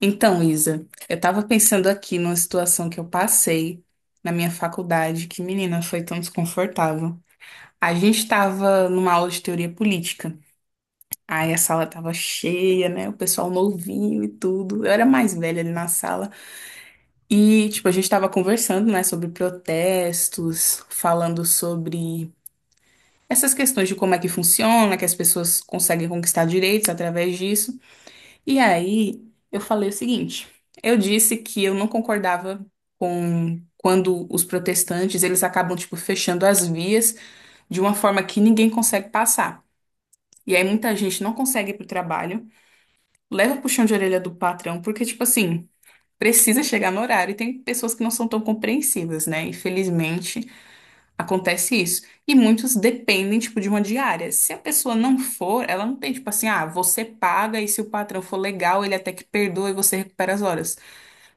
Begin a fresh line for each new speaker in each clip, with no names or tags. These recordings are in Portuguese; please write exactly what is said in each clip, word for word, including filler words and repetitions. Então, Isa, eu tava pensando aqui numa situação que eu passei na minha faculdade, que menina, foi tão desconfortável. A gente tava numa aula de teoria política. Aí a sala tava cheia, né? O pessoal novinho e tudo. Eu era mais velha ali na sala. E, tipo, a gente tava conversando, né, sobre protestos, falando sobre essas questões de como é que funciona, que as pessoas conseguem conquistar direitos através disso. E aí, eu falei o seguinte, eu disse que eu não concordava com quando os protestantes, eles acabam, tipo, fechando as vias de uma forma que ninguém consegue passar. E aí muita gente não consegue ir pro trabalho, leva o puxão de orelha do patrão, porque, tipo assim, precisa chegar no horário e tem pessoas que não são tão compreensivas, né? Infelizmente. Acontece isso. E muitos dependem, tipo, de uma diária. Se a pessoa não for, ela não tem, tipo assim, ah, você paga e se o patrão for legal, ele até que perdoa e você recupera as horas.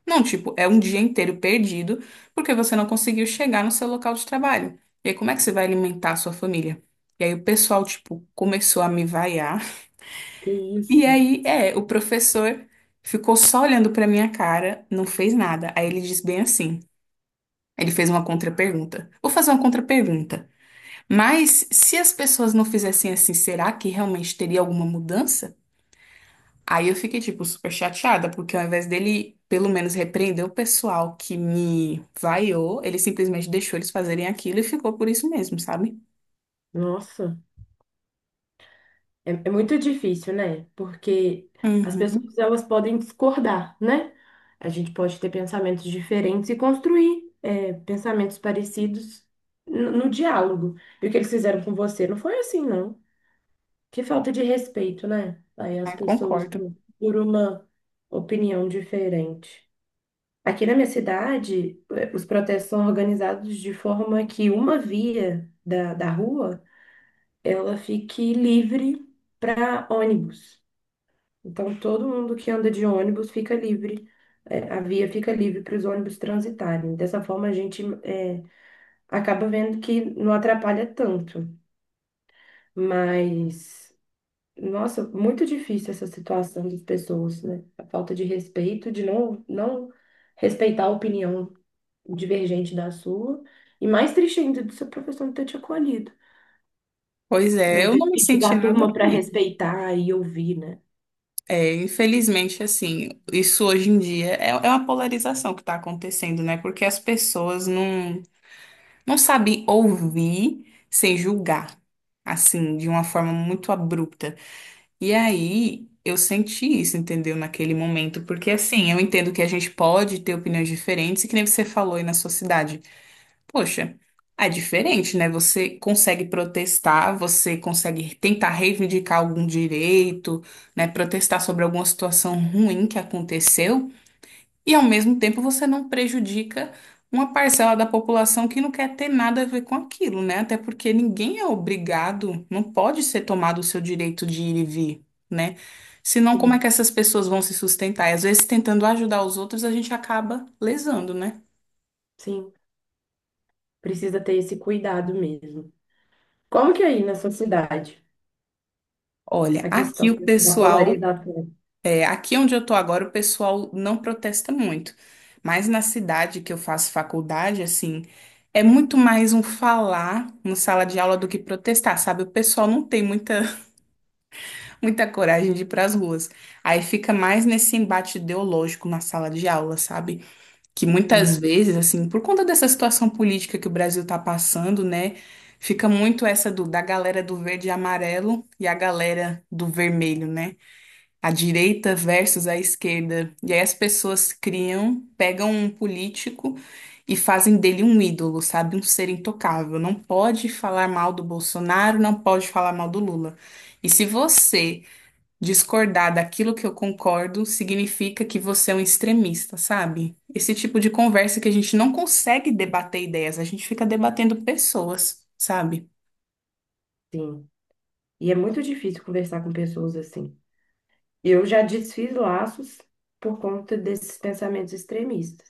Não, tipo, é um dia inteiro perdido porque você não conseguiu chegar no seu local de trabalho. E aí, como é que você vai alimentar a sua família? E aí, o pessoal, tipo, começou a me vaiar.
Que
E
isso?
aí, é, o professor ficou só olhando pra minha cara, não fez nada. Aí ele disse bem assim. Ele fez uma contrapergunta. Vou fazer uma contrapergunta. Mas se as pessoas não fizessem assim, será que realmente teria alguma mudança? Aí eu fiquei, tipo, super chateada, porque ao invés dele, pelo menos, repreender o pessoal que me vaiou, ele simplesmente deixou eles fazerem aquilo e ficou por isso mesmo, sabe?
Nossa, é, é muito difícil, né? Porque as
Uhum.
pessoas elas podem discordar, né? A gente pode ter pensamentos diferentes e construir é, pensamentos parecidos no, no diálogo. E o que eles fizeram com você não foi assim, não. Que falta de respeito, né? Aí as
Ah,
pessoas
concordo.
por por uma opinião diferente. Aqui na minha cidade, eh, os protestos são organizados de forma que uma via da, da rua ela fique livre para ônibus. Então, todo mundo que anda de ônibus fica livre, é, a via fica livre para os ônibus transitarem. Dessa forma, a gente é, acaba vendo que não atrapalha tanto. Mas, nossa, muito difícil essa situação das pessoas, né? A falta de respeito, de não, não respeitar a opinião divergente da sua. E mais triste ainda do seu professor não ter te acolhido.
Pois é,
Não
eu
ter
não me
pedido
senti
à turma
nada
para
feliz.
respeitar e ouvir, né?
É, infelizmente, assim, isso hoje em dia é, é uma polarização que está acontecendo, né? Porque as pessoas não. Não sabe ouvir sem julgar, assim, de uma forma muito abrupta. E aí eu senti isso, entendeu? Naquele momento, porque assim, eu entendo que a gente pode ter opiniões diferentes, e que nem você falou aí na sua cidade. Poxa, é diferente, né? Você consegue protestar, você consegue tentar reivindicar algum direito, né? Protestar sobre alguma situação ruim que aconteceu. E ao mesmo tempo você não prejudica uma parcela da população que não quer ter nada a ver com aquilo, né? Até porque ninguém é obrigado, não pode ser tomado o seu direito de ir e vir, né? Senão, como é que essas pessoas vão se sustentar? E às vezes, tentando ajudar os outros, a gente acaba lesando, né?
Sim, precisa ter esse cuidado mesmo. Como que é aí na sua cidade
Olha,
a questão
aqui o
da
pessoal.
polarização?
É, aqui onde eu tô agora, o pessoal não protesta muito. Mas na cidade que eu faço faculdade, assim, é muito mais um falar na sala de aula do que protestar, sabe? O pessoal não tem muita, muita coragem de ir para as ruas. Aí fica mais nesse embate ideológico na sala de aula, sabe? Que
Sim,
muitas vezes, assim, por conta dessa situação política que o Brasil tá passando, né? Fica muito essa do, da galera do verde e amarelo e a galera do vermelho, né? A direita versus a esquerda. E aí as pessoas criam, pegam um político e fazem dele um ídolo, sabe? Um ser intocável. Não pode falar mal do Bolsonaro, não pode falar mal do Lula. E se você discordar daquilo que eu concordo, significa que você é um extremista, sabe? Esse tipo de conversa que a gente não consegue debater ideias, a gente fica debatendo pessoas, sabe?
sim. E é muito difícil conversar com pessoas assim. Eu já desfiz laços por conta desses pensamentos extremistas,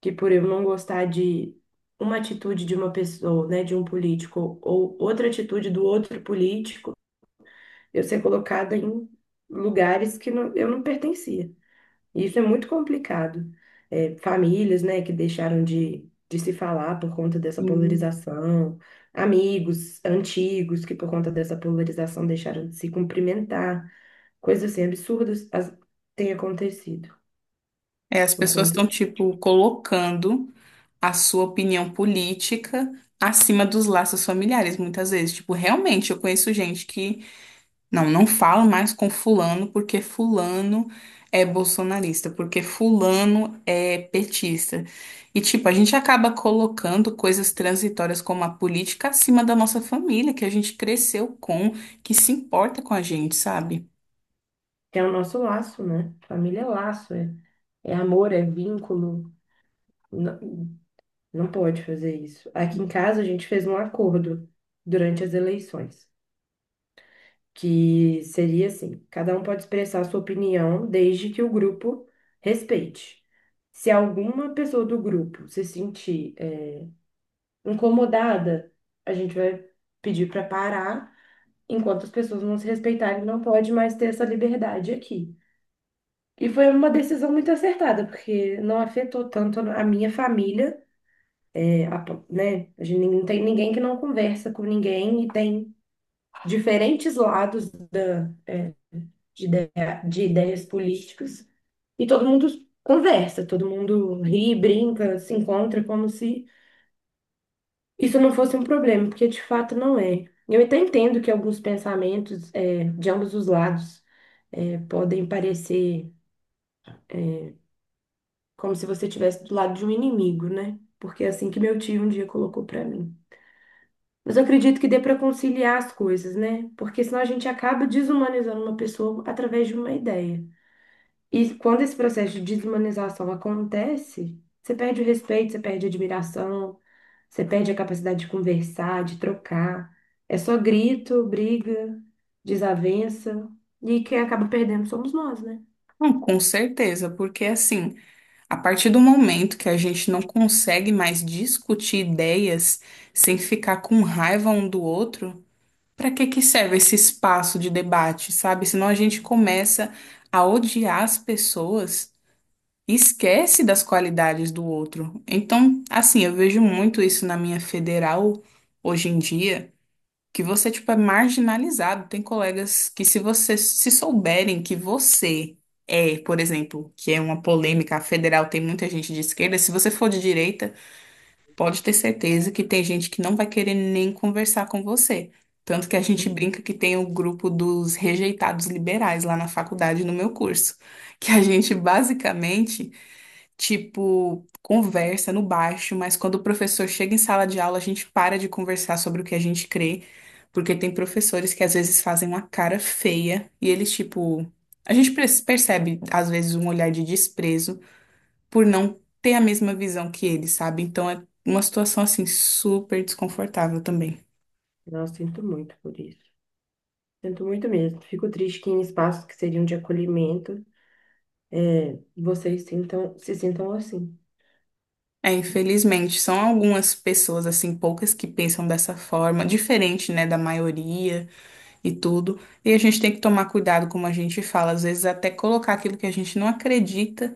que por eu não gostar de uma atitude de uma pessoa, né, de um político ou outra atitude do outro político, eu ser colocada em lugares que não- eu não pertencia. E isso é muito complicado. É, famílias, né, que deixaram de, de se falar por conta dessa
Sim.
polarização, amigos antigos que por conta dessa polarização deixaram de se cumprimentar, coisas assim absurdas as, têm acontecido
É, as
por
pessoas
conta
estão, tipo, colocando a sua opinião política acima dos laços familiares, muitas vezes. Tipo, realmente, eu conheço gente que não, não falo mais com fulano porque fulano é bolsonarista, porque fulano é petista. E, tipo, a gente acaba colocando coisas transitórias como a política acima da nossa família, que a gente cresceu com, que se importa com a gente, sabe?
que é o nosso laço, né? Família é laço, é, é amor, é vínculo. Não, não pode fazer isso. Aqui em casa a gente fez um acordo durante as eleições, que seria assim: cada um pode expressar sua opinião desde que o grupo respeite. Se alguma pessoa do grupo se sentir eh, incomodada, a gente vai pedir para parar. Enquanto as pessoas não se respeitarem, não pode mais ter essa liberdade aqui. E foi uma decisão muito acertada, porque não afetou tanto a minha família, eh, a po- né? A gente não tem ninguém que não conversa com ninguém e tem diferentes lados de, ideia- de ideias políticas, e todo mundo conversa, todo mundo ri, brinca, se encontra como se isso não fosse um problema, porque de fato não é. Eu até entendo que alguns pensamentos eh, de ambos os lados eh, podem parecer como se você estivesse do lado de um inimigo, né? Porque é assim que meu tio um dia colocou para mim. Mas eu acredito que dê para conciliar as coisas, né? Porque senão a gente acaba desumanizando uma pessoa através de uma ideia. E quando esse processo de desumanização acontece, você perde o respeito, você perde a admiração, você perde a capacidade de conversar, de trocar. É só grito, briga, desavença. E quem acaba perdendo somos nós, né?
Não, com certeza, porque assim. A partir do momento que a gente não consegue mais discutir ideias sem ficar com raiva um do outro, para que que serve esse espaço de debate, sabe? Senão a gente começa a odiar as pessoas e esquece das qualidades do outro. Então, assim, eu vejo muito isso na minha federal hoje em dia que você, tipo, é marginalizado. Tem colegas que, se você se souberem que você é, por exemplo, que é uma polêmica, a federal tem muita gente de esquerda, se você for de direita, pode ter certeza que tem gente que não vai querer nem conversar com você. Tanto que a gente
Uhum.
brinca que tem o grupo dos rejeitados liberais lá na faculdade, no meu curso, que a gente basicamente, tipo, conversa no baixo, mas quando o professor chega em sala de aula, a gente para de conversar sobre o que a gente crê, porque tem professores que às vezes fazem uma cara feia e eles, tipo, a gente pre- percebe às vezes um olhar de desprezo por não ter a mesma visão que eles, sabe? Então é uma situação assim super desconfortável também.
Nossa, sinto muito por isso. Sinto muito mesmo. Fico triste que em espaços que seriam de acolhimento, é, vocês sintam, se sintam assim.
É, infelizmente, são algumas pessoas, assim, poucas que pensam dessa forma, diferente, né, da maioria. E tudo. E a gente tem que tomar cuidado, como a gente fala, às vezes até colocar aquilo que a gente não acredita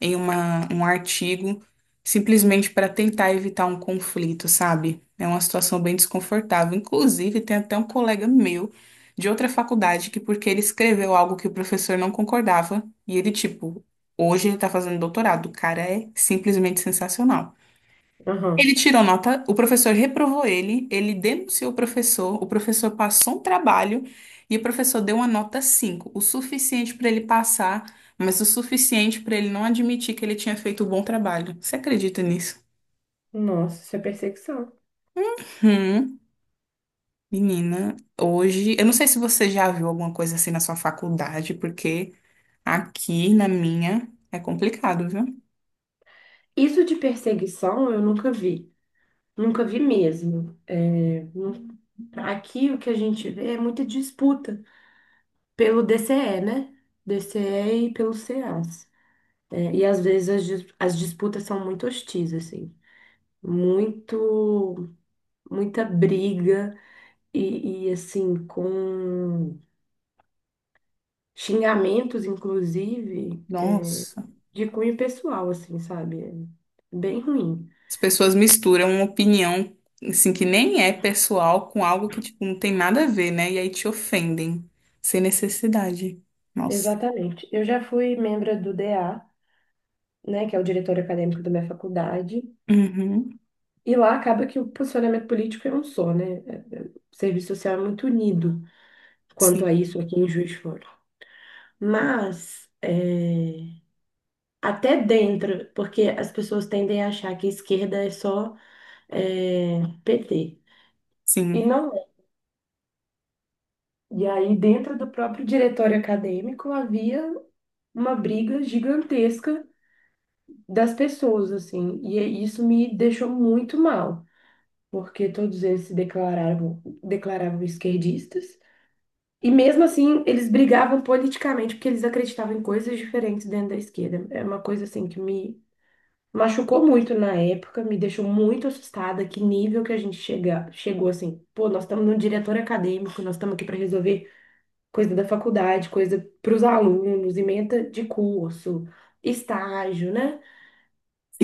em uma, um artigo, simplesmente para tentar evitar um conflito, sabe? É uma situação bem desconfortável. Inclusive, tem até um colega meu de outra faculdade que, porque ele escreveu algo que o professor não concordava, e ele, tipo, hoje ele tá fazendo doutorado. O cara é simplesmente sensacional.
Aham.
Ele tirou nota, o professor reprovou ele, ele denunciou o professor, o professor passou um trabalho e o professor deu uma nota cinco, o suficiente para ele passar, mas o suficiente para ele não admitir que ele tinha feito um bom trabalho. Você acredita nisso?
Nossa, isso é perseguição.
Hum, menina, hoje, eu não sei se você já viu alguma coisa assim na sua faculdade, porque aqui na minha é complicado, viu?
Isso de perseguição eu nunca vi. Nunca vi mesmo. É, nu- aqui o que a gente vê é muita disputa pelo D C E, né? DCE e e pelos C As. É, e às vezes as, dis- as disputas são muito hostis, assim. Muito, muita briga e, e, assim, com xingamentos, inclusive, é,
Nossa.
de cunho pessoal, assim, sabe? É bem ruim.
As pessoas misturam uma opinião, assim, que nem é pessoal com algo que, tipo, não tem nada a ver, né? E aí te ofendem, sem necessidade. Nossa.
Exatamente. Eu já fui membro do D A, né, que é o diretor acadêmico da minha faculdade.
Uhum.
E lá acaba que o posicionamento político é um só, né? É, é, O serviço social é muito unido quanto
Sim,
a isso aqui em Juiz de Fora. Mas, é, até dentro, porque as pessoas tendem a achar que esquerda é só é, P T. E
sim,
não é. E aí, dentro do próprio diretório acadêmico, havia uma briga gigantesca das pessoas, assim. E é, isso me deixou muito mal, porque todos eles se declaravam, declaravam esquerdistas. E mesmo assim, eles brigavam politicamente porque eles acreditavam em coisas diferentes dentro da esquerda. É uma coisa assim que me machucou muito na época, me deixou muito assustada, que nível que a gente chega, chegou assim. Pô, nós estamos num diretório acadêmico, nós estamos aqui para resolver coisa da faculdade, coisa para os alunos, ementa de curso, estágio, né?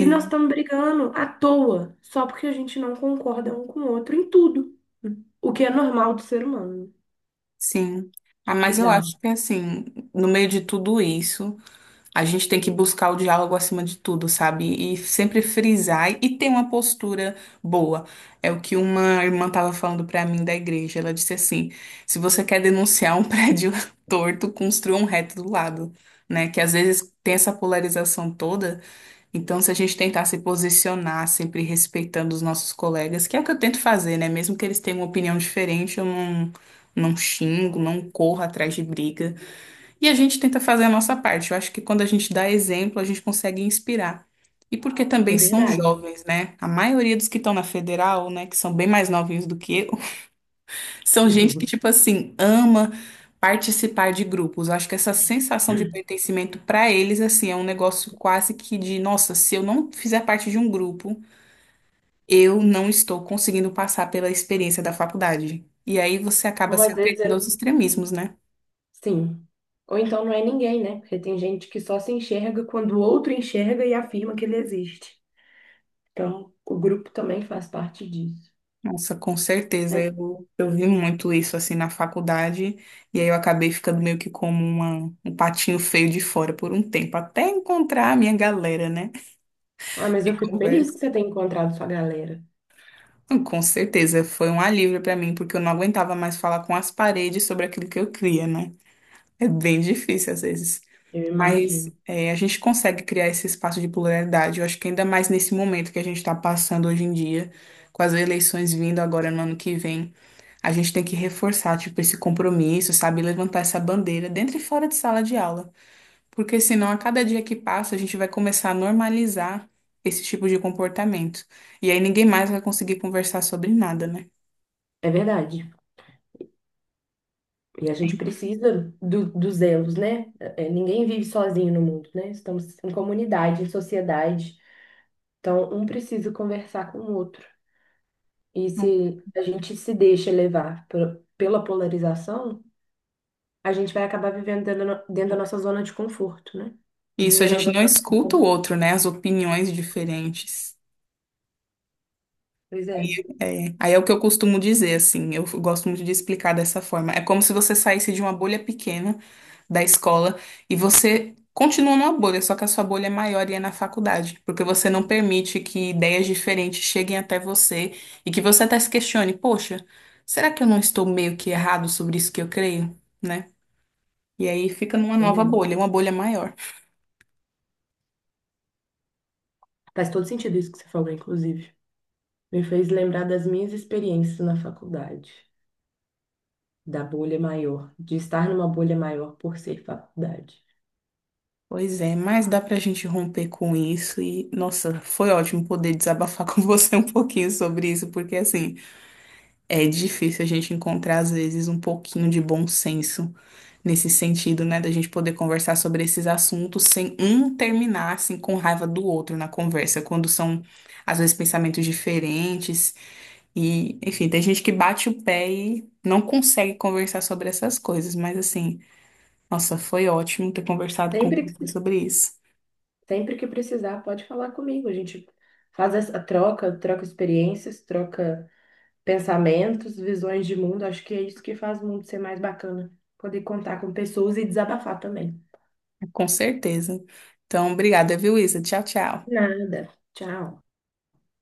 E nós estamos brigando à toa, só porque a gente não concorda um com o outro em tudo, o que é normal do ser humano.
sim. Ah, mas eu
Bizarro,
acho que, assim, no meio de tudo isso. A gente tem que buscar o diálogo acima de tudo, sabe? E sempre frisar e ter uma postura boa. É o que uma irmã estava falando para mim da igreja. Ela disse assim: se você quer denunciar um prédio torto, construa um reto do lado, né? Que às vezes tem essa polarização toda. Então, se a gente tentar se posicionar, sempre respeitando os nossos colegas, que é o que eu tento fazer, né? Mesmo que eles tenham uma opinião diferente, eu não, não xingo, não corro atrás de briga. E a gente tenta fazer a nossa parte. Eu acho que quando a gente dá exemplo, a gente consegue inspirar. E porque
é
também são
verdade.
jovens, né? A maioria dos que estão na federal, né, que são bem mais novinhos do que eu, são gente que, tipo assim, ama participar de grupos. Eu acho que essa sensação de pertencimento para eles, assim, é um negócio quase que de, nossa, se eu não fizer parte de um grupo, eu não estou conseguindo passar pela experiência da faculdade. E aí você acaba
Bom,
se
às vezes
apegando
é...
aos extremismos, né?
Sim. Ou então não é ninguém, né? Porque tem gente que só se enxerga quando o outro enxerga e afirma que ele existe. Então, o grupo também faz parte disso,
Nossa, com certeza.
né?
Eu, eu vi muito isso assim na faculdade, e aí eu acabei ficando meio que como uma, um patinho feio de fora por um tempo, até encontrar a minha galera, né?
Ah, mas
Que
eu fico feliz que
conversa.
você tenha encontrado sua galera.
Então, com certeza, foi um alívio pra mim, porque eu não aguentava mais falar com as paredes sobre aquilo que eu cria, né? É bem difícil às vezes.
Eu
Mas
imagino.
é, a gente consegue criar esse espaço de pluralidade. Eu acho que ainda mais nesse momento que a gente está passando hoje em dia, com as eleições vindo agora no ano que vem. A gente tem que reforçar, tipo, esse compromisso, sabe? Levantar essa bandeira dentro e fora de sala de aula. Porque senão, a cada dia que passa, a gente vai começar a normalizar esse tipo de comportamento. E aí ninguém mais vai conseguir conversar sobre nada, né?
É verdade. E a gente precisa do, dos elos, né? É, ninguém vive sozinho no mundo, né? Estamos em comunidade, em sociedade. Então, um precisa conversar com o outro. E se
Não.
a gente se deixa levar pe- pela polarização, a gente vai acabar vivendo dentro da, no- dentro da nossa zona de conforto, né? E
Isso, a
viver na
gente
zona
não
de
escuta o
conforto.
outro, né? As opiniões diferentes.
Pois é,
É, aí é o que eu costumo dizer, assim, eu gosto muito de explicar dessa forma. É como se você saísse de uma bolha pequena da escola e você continua numa bolha, só que a sua bolha é maior e é na faculdade, porque você não permite que ideias diferentes cheguem até você e que você até se questione, poxa, será que eu não estou meio que errado sobre isso que eu creio, né? E aí fica numa nova
verdade.
bolha, uma bolha maior.
Faz todo sentido isso que você falou, inclusive. Me fez lembrar das minhas experiências na faculdade, da bolha maior, de estar numa bolha maior por ser faculdade.
Pois é, mas dá pra gente romper com isso e, nossa, foi ótimo poder desabafar com você um pouquinho sobre isso, porque assim, é difícil a gente encontrar às vezes um pouquinho de bom senso nesse sentido, né, da gente poder conversar sobre esses assuntos sem um terminar assim com raiva do outro na conversa, quando são às vezes pensamentos diferentes e, enfim, tem gente que bate o pé e não consegue conversar sobre essas coisas, mas assim, nossa, foi ótimo ter conversado com
Sempre,
você sobre isso.
sempre que precisar, pode falar comigo. A gente faz essa troca, troca experiências, troca pensamentos, visões de mundo. Acho que é isso que faz o mundo ser mais bacana. Poder contar com pessoas e desabafar também.
Com certeza. Então, obrigada, viu, Isa? Tchau, tchau.
Nada. Tchau.